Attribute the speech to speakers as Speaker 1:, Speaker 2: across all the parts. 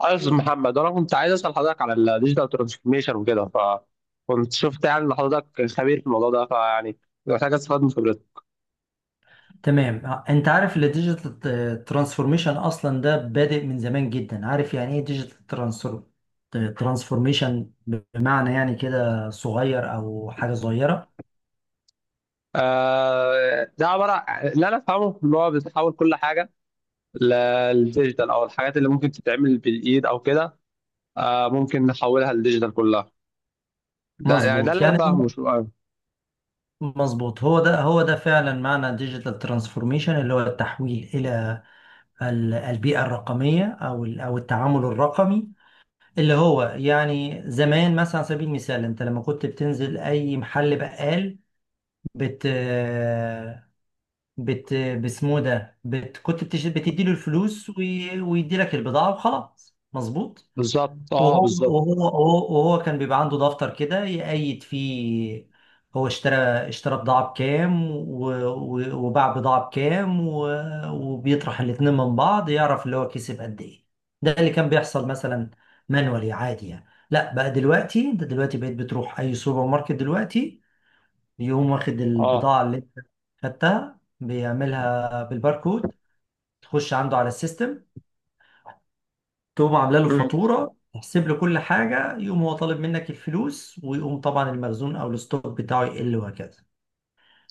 Speaker 1: عايز محمد وانا كنت عايز اسال حضرتك على الديجيتال ترانسفورميشن وكده، فكنت شفت يعني ان حضرتك خبير في الموضوع ده فيعني محتاج استفاد من خبرتك.
Speaker 2: تمام. انت عارف الديجيتال ترانسفورميشن اصلا ده بادئ من زمان جدا، عارف يعني ايه ديجيتال ترانسفورميشن؟ بمعنى يعني كده صغير او حاجه صغيره.
Speaker 1: آه، ده عباره اللي انا افهمه ان هو بتحول كل حاجه للديجيتال او الحاجات اللي ممكن تتعمل بالايد او كده، آه ممكن نحولها للديجيتال كلها. ده يعني ده
Speaker 2: مظبوط،
Speaker 1: اللي انا
Speaker 2: يعني
Speaker 1: فاهمه
Speaker 2: ده
Speaker 1: شو
Speaker 2: مظبوط، هو ده فعلا معنى ديجيتال ترانسفورميشن، اللي هو التحويل الى البيئه الرقميه، او او التعامل الرقمي، اللي هو يعني زمان مثلا على سبيل المثال انت لما كنت بتنزل اي محل بقال، بت بت باسمه ده كنت بتدي له الفلوس ويدي لك البضاعة وخلاص، مظبوط.
Speaker 1: بالظبط، اه
Speaker 2: وهو
Speaker 1: بالظبط.
Speaker 2: وهو وهو وهو كان بيبقى عنده دفتر كده يقيد فيه هو اشترى بضاعة بكام و... و... وباع بضاعة بكام وبيطرح الاتنين من بعض يعرف اللي هو كسب قد ايه. ده اللي كان بيحصل مثلا، مانوالي عادي يعني. لا، بقى دلوقتي انت دلوقتي بقيت بتروح اي سوبر ماركت، دلوقتي يقوم واخد
Speaker 1: اه.
Speaker 2: البضاعة اللي انت خدتها بيعملها بالباركود، تخش عنده على السيستم، تقوم عامله له
Speaker 1: امم.
Speaker 2: فاتورة تحسب له كل حاجة، يقوم هو طالب منك الفلوس، ويقوم طبعا المخزون او الستوك بتاعه يقل، وهكذا.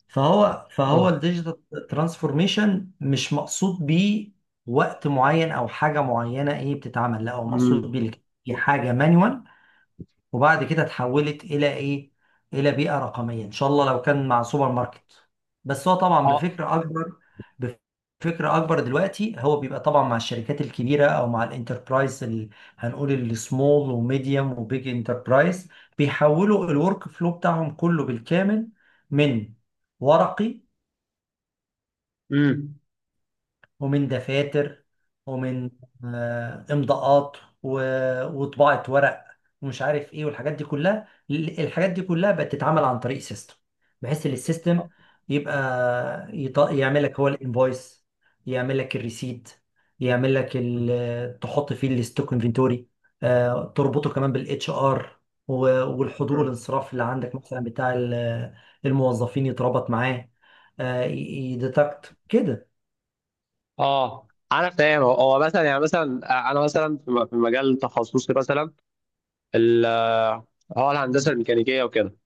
Speaker 2: فهو
Speaker 1: اه.
Speaker 2: الديجيتال ترانسفورميشن مش مقصود بيه وقت معين او حاجة معينة ايه بتتعمل، لا، هو مقصود
Speaker 1: امم.
Speaker 2: بيه حاجة مانوال وبعد كده اتحولت الى ايه، الى بيئه رقميه. ان شاء الله لو كان مع سوبر ماركت، بس هو طبعا بفكر اكبر. بفكر اكبر دلوقتي، هو بيبقى طبعا مع الشركات الكبيره او مع الانتربرايز هنقول السمول وميديوم وبيج انتربرايز، بيحولوا الورك فلو بتاعهم كله بالكامل من ورقي، ومن دفاتر، ومن امضاءات، وطباعة ورق، ومش عارف ايه والحاجات دي كلها الحاجات دي كلها بقت تتعمل عن طريق سيستم، بحيث ان
Speaker 1: اه.
Speaker 2: السيستم يبقى يعمل لك هو الانفويس، يعمل لك الريسيت، يعمل لك تحط فيه الستوك انفنتوري، تربطه كمان بالاتش ار، والحضور
Speaker 1: امم.
Speaker 2: والانصراف اللي عندك مثلا بتاع الموظفين، يتربط معاه، يديتكت كده.
Speaker 1: اه انا فاهم، هو مثلا يعني مثلا انا مثلا في في مجال تخصصي مثلا، ال- هو الهندسه الميكانيكيه وكده.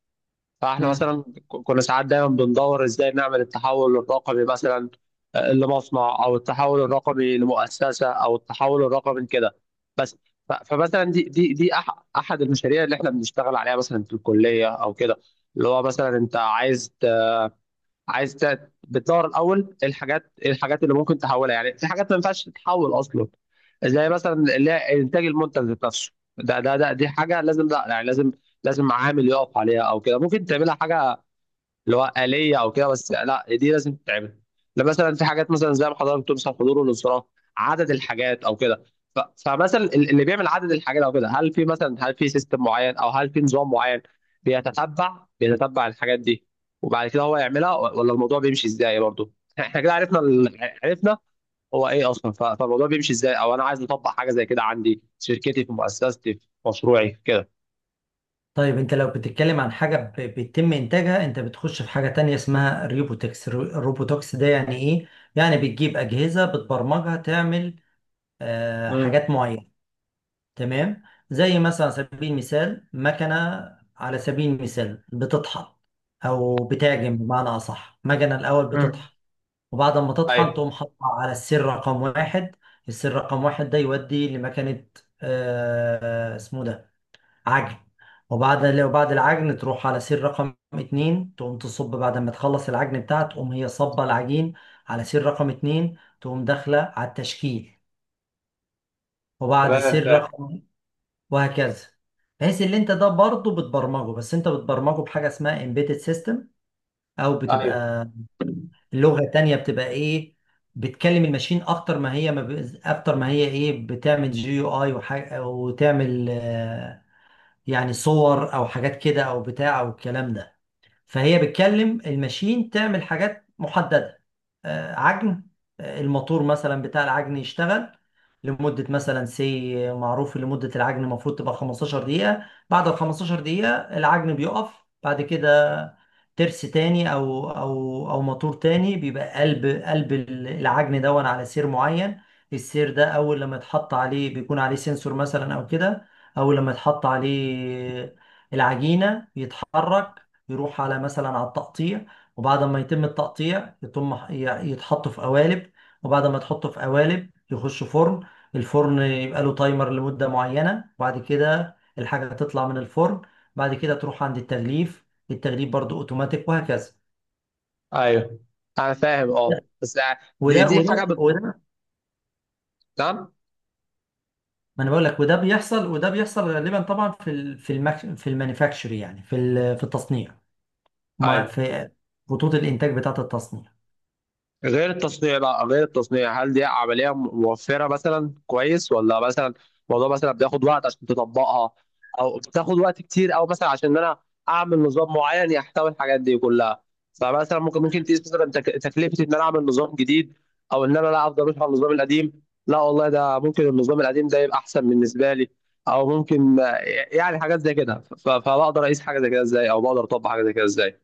Speaker 1: فاحنا مثلا كنا ساعات دايما بندور ازاي نعمل التحول الرقمي مثلا، لمصنع او التحول الرقمي لمؤسسه او التحول الرقمي كده، بس. فمثلا دي احد المشاريع اللي احنا بنشتغل عليها مثلا في الكليه او كده. اللي هو مثلا انت عايز، عايز بتدور الاول إيه الحاجات، إيه الحاجات اللي ممكن تحولها. يعني في حاجات ما ينفعش تتحول اصلا، زي مثلا اللي هي انتاج المنتج ذات نفسه. ده دي حاجه لازم، لا يعني لازم، لازم عامل يقف عليها او كده. ممكن تعملها حاجه اللي هو آلية أو كده، بس لا دي لازم تتعمل. لا مثلا في حاجات مثلا زي ما حضرتك بتقول مثلا حضور والانصراف، عدد الحاجات أو كده. ف- فمثلا اللي بيعمل عدد الحاجات أو كده، هل في مثلا، هل في سيستم معين أو هل في نظام معين بيتتبع، بيتتبع الحاجات دي، وبعد كده هو يعملها. ولا الموضوع بيمشي إزاي برضه؟ إحنا كده عرفنا عرفنا هو إيه أصلا، فالموضوع بيمشي إزاي أو أنا عايز أطبق حاجة زي كده عندي في شركتي، في مؤسستي، في مشروعي كده.
Speaker 2: طيب انت لو بتتكلم عن حاجة بيتم انتاجها، انت بتخش في حاجة تانية اسمها الروبوتكس. الروبوتكس ده يعني ايه؟ يعني بتجيب اجهزة بتبرمجها تعمل آه
Speaker 1: امم.
Speaker 2: حاجات معينة، تمام؟ زي مثلا على سبيل المثال مكنة، على سبيل المثال بتطحن او بتعجن، بمعنى اصح مكنة الاول
Speaker 1: امم.
Speaker 2: بتطحن، وبعد ما تطحن
Speaker 1: ايوه.
Speaker 2: تقوم حاطها على السر رقم واحد. السر رقم واحد ده يودي لمكنة آه اسمه ده عجن. وبعد العجن تروح على سير رقم اتنين تقوم تصب، بعد ما تخلص العجن بتاعها تقوم هي صبة العجين على سير رقم اتنين، تقوم داخلة على التشكيل. وبعد
Speaker 1: تمام،
Speaker 2: سير
Speaker 1: تمام.
Speaker 2: رقم وهكذا. بحيث اللي انت ده برضه بتبرمجه، بس انت بتبرمجه بحاجة اسمها embedded system، او
Speaker 1: ايوه.
Speaker 2: بتبقى اللغة تانية، بتبقى ايه بتكلم الماشين اكتر ما هي ما ب... اكتر ما هي ايه بتعمل جي يو اي وحاجة، وتعمل يعني صور او حاجات كده او بتاع او الكلام ده. فهي بتكلم الماشين تعمل حاجات محددة. عجن. الموتور مثلا بتاع العجن يشتغل لمدة مثلا سي معروف، لمدة العجن المفروض تبقى 15 دقيقة. بعد ال 15 دقيقة العجن بيقف، بعد كده ترس تاني أو موتور تاني بيبقى قلب العجن دون على سير معين. السير ده أول لما يتحط عليه بيكون عليه سنسور مثلا أو كده، أول لما يتحط عليه العجينة بيتحرك، يروح على مثلا على التقطيع، وبعد ما يتم التقطيع يتم يتحط في قوالب، وبعد ما يتحطوا في قوالب يخش فرن. الفرن يبقى له تايمر لمدة معينة، وبعد كده الحاجة تطلع من الفرن. بعد كده تروح عند التغليف، التغليف برضو اوتوماتيك وهكذا.
Speaker 1: ايوه انا فاهم، اه، بس دي
Speaker 2: وده
Speaker 1: دي حاجه
Speaker 2: وده
Speaker 1: بت...
Speaker 2: وده
Speaker 1: نعم.
Speaker 2: ما انا بقول لك، وده بيحصل، وده بيحصل غالبا طبعا في في في المانيفاكتشر، يعني في في التصنيع، ما
Speaker 1: ايوه،
Speaker 2: في خطوط الانتاج بتاعة التصنيع.
Speaker 1: غير التصنيع بقى، غير التصنيع هل دي عملية موفرة مثلا كويس، ولا مثلا الموضوع مثلا بياخد وقت عشان تطبقها، او بتاخد وقت كتير، او مثلا عشان انا اعمل نظام معين يحتوي الحاجات دي كلها. فمثلا ممكن تقيس مثلا تكلفة ان انا اعمل نظام جديد، او ان انا لا افضل ماشي على النظام القديم. لا والله ده ممكن النظام القديم ده يبقى احسن بالنسبة لي، او ممكن يعني حاجات زي كده. فبقدر اقيس حاجة زي كده ازاي، او بقدر اطبق حاجة زي كده ازاي؟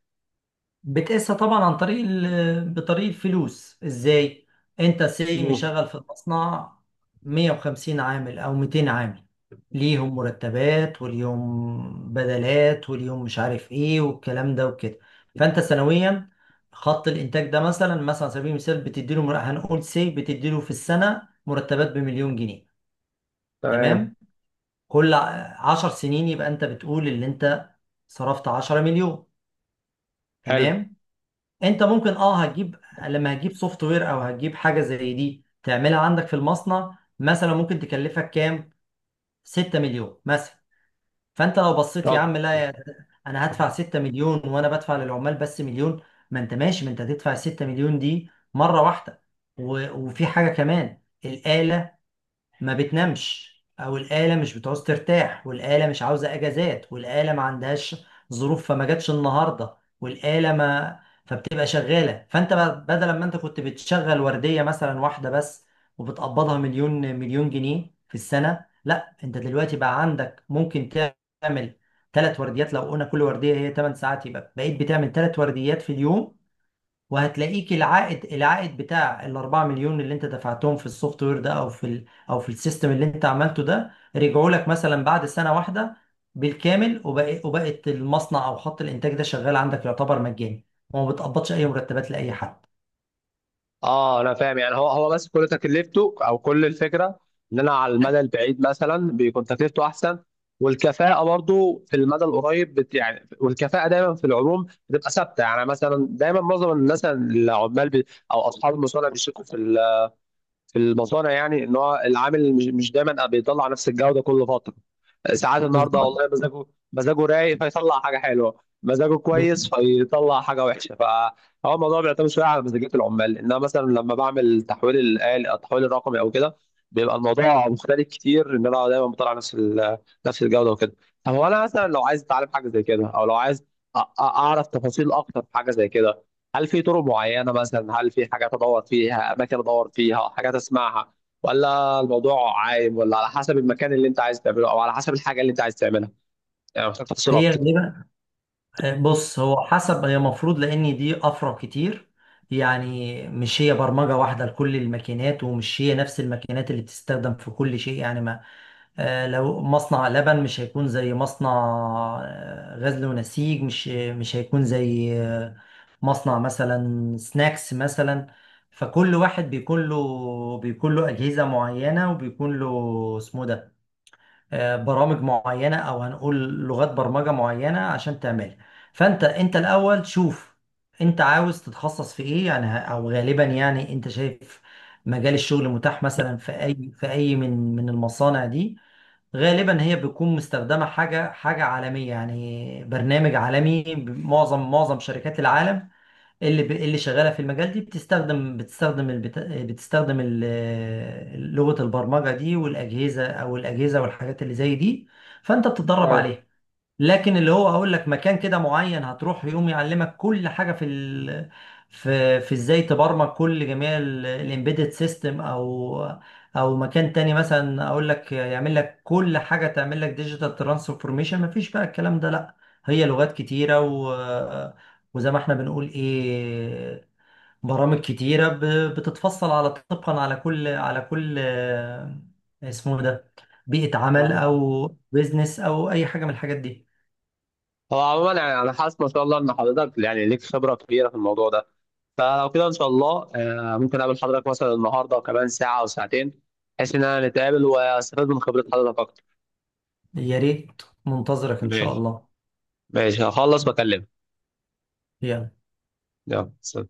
Speaker 2: بتقيسها طبعا عن طريق بطريق الفلوس. ازاي؟ انت سي
Speaker 1: مم.
Speaker 2: مشغل في المصنع 150 عامل او 200 عامل، ليهم مرتبات وليهم بدلات وليهم مش عارف ايه والكلام ده وكده. فانت سنويا خط الانتاج ده مثلا، مثلا على سبيل المثال بتديله هنقول سي بتديله في السنه مرتبات بمليون جنيه.
Speaker 1: تمام.
Speaker 2: تمام؟ كل عشر سنين يبقى انت بتقول اللي انت صرفت 10 مليون.
Speaker 1: حلو.
Speaker 2: تمام؟ انت ممكن اه هتجيب، لما هتجيب سوفت وير او هتجيب حاجه زي دي تعملها عندك في المصنع، مثلا ممكن تكلفك كام، 6 مليون مثلا. فانت لو بصيت يا
Speaker 1: طب
Speaker 2: عم، لا انا هدفع 6 مليون وانا بدفع للعمال بس مليون، ما انت ماشي. ما انت هتدفع 6 مليون دي مره واحده، وفي حاجه كمان الآلة ما بتنامش، او الآلة مش بتعوز ترتاح، والآلة مش عاوزة اجازات، والآلة ما عندهاش ظروف فما جاتش النهاردة، والآلة ما فبتبقى شغالة. فانت بدل ما انت كنت بتشغل وردية مثلا واحدة بس وبتقبضها مليون، مليون جنيه في السنة، لا انت دلوقتي بقى عندك ممكن تعمل ثلاث ورديات. لو قلنا كل وردية هي 8 ساعات يبقى بقيت بتعمل ثلاث ورديات في اليوم، وهتلاقيك العائد، العائد بتاع الأربعة مليون اللي انت دفعتهم في السوفت وير ده او في او في السيستم اللي انت عملته ده، رجعوا لك مثلا بعد سنة واحدة بالكامل، وبقى وبقت المصنع او خط الانتاج ده شغال عندك يعتبر مجاني، وما بتقبضش اي مرتبات لاي حد.
Speaker 1: اه انا فاهم يعني، هو بس كل تكلفته او كل الفكره ان انا على المدى البعيد مثلا بيكون تكلفته احسن، والكفاءه برضو في المدى القريب بت يعني، والكفاءه دايما في العموم بتبقى ثابته. يعني مثلا دايما معظم الناس العمال بي، او اصحاب المصانع بيشتكوا في في المصانع، يعني ان هو العامل مش دايما بيطلع نفس الجوده كل فتره. ساعات النهارده
Speaker 2: بالظبط،
Speaker 1: والله مزاجه، مزاجه رايق فيطلع حاجه حلوه، مزاجه كويس
Speaker 2: بالظبط.
Speaker 1: فيطلع حاجه وحشه. فهو الموضوع بيعتمد شويه على مزاجيه العمال، انما مثلا لما بعمل تحويل الآل التحويل الرقمي او كده، بيبقى الموضوع مختلف كتير ان انا دايما بطلع نفس نفس الجوده وكده. طب هو انا مثلا لو عايز اتعلم حاجه زي كده، او لو عايز اعرف تفاصيل اكتر في حاجه زي كده، هل في طرق معينه مثلا، هل في حاجات ادور فيها، اماكن ادور فيها حاجات اسمعها، ولا الموضوع عايم، ولا على حسب المكان اللي انت عايز تعمله او على حسب الحاجه اللي انت عايز تعملها؟ يعني محتاج تفاصيل
Speaker 2: هي
Speaker 1: اكتر.
Speaker 2: غالبا، بص هو حسب، هي المفروض لان دي افرع كتير يعني، مش هي برمجه واحده لكل الماكينات، ومش هي نفس الماكينات اللي بتستخدم في كل شيء يعني، ما لو مصنع لبن مش هيكون زي مصنع غزل ونسيج، مش مش هيكون زي مصنع مثلا سناكس مثلا. فكل واحد بيكون له أجهزة معينة، وبيكون له اسمه ده برامج معينة، أو هنقول لغات برمجة معينة عشان تعملها. فأنت، أنت الأول شوف أنت عاوز تتخصص في إيه يعني، أو غالبا يعني أنت شايف مجال الشغل متاح مثلا في أي، من المصانع دي. غالبا هي بتكون مستخدمة حاجة عالمية، يعني برنامج عالمي معظم شركات العالم اللي اللي شغالة في المجال دي، بتستخدم بتستخدم لغة البرمجة دي والأجهزة، أو الأجهزة والحاجات اللي زي دي، فأنت بتتدرب
Speaker 1: ايوه.
Speaker 2: عليها. لكن اللي هو هقول لك مكان كده معين هتروح يقوم يعلمك كل حاجه في في ازاي تبرمج كل جميع الامبيدد سيستم، او او مكان تاني مثلا اقول لك يعمل لك كل حاجه تعمل لك ديجيتال ترانسفورميشن، مفيش بقى الكلام ده، لا. هي لغات كتيره وزي ما احنا بنقول ايه، برامج كتيره بتتفصل على طبقا على كل، على كل اسمه ده بيئه عمل
Speaker 1: فاهم.
Speaker 2: او بيزنس او اي حاجه من الحاجات دي.
Speaker 1: هو عموما يعني انا حاسس ما شاء الله ان حضرتك يعني ليك خبره كبيره في الموضوع ده، فلو كده ان شاء الله ممكن اقابل حضرتك مثلا النهارده وكمان ساعه او ساعتين، بحيث ان انا نتقابل واستفاد من خبره حضرتك اكتر.
Speaker 2: يا ريت، منتظرك إن شاء
Speaker 1: ماشي.
Speaker 2: الله.
Speaker 1: ماشي، هخلص بكلمك.
Speaker 2: يلا.
Speaker 1: يلا، سلام.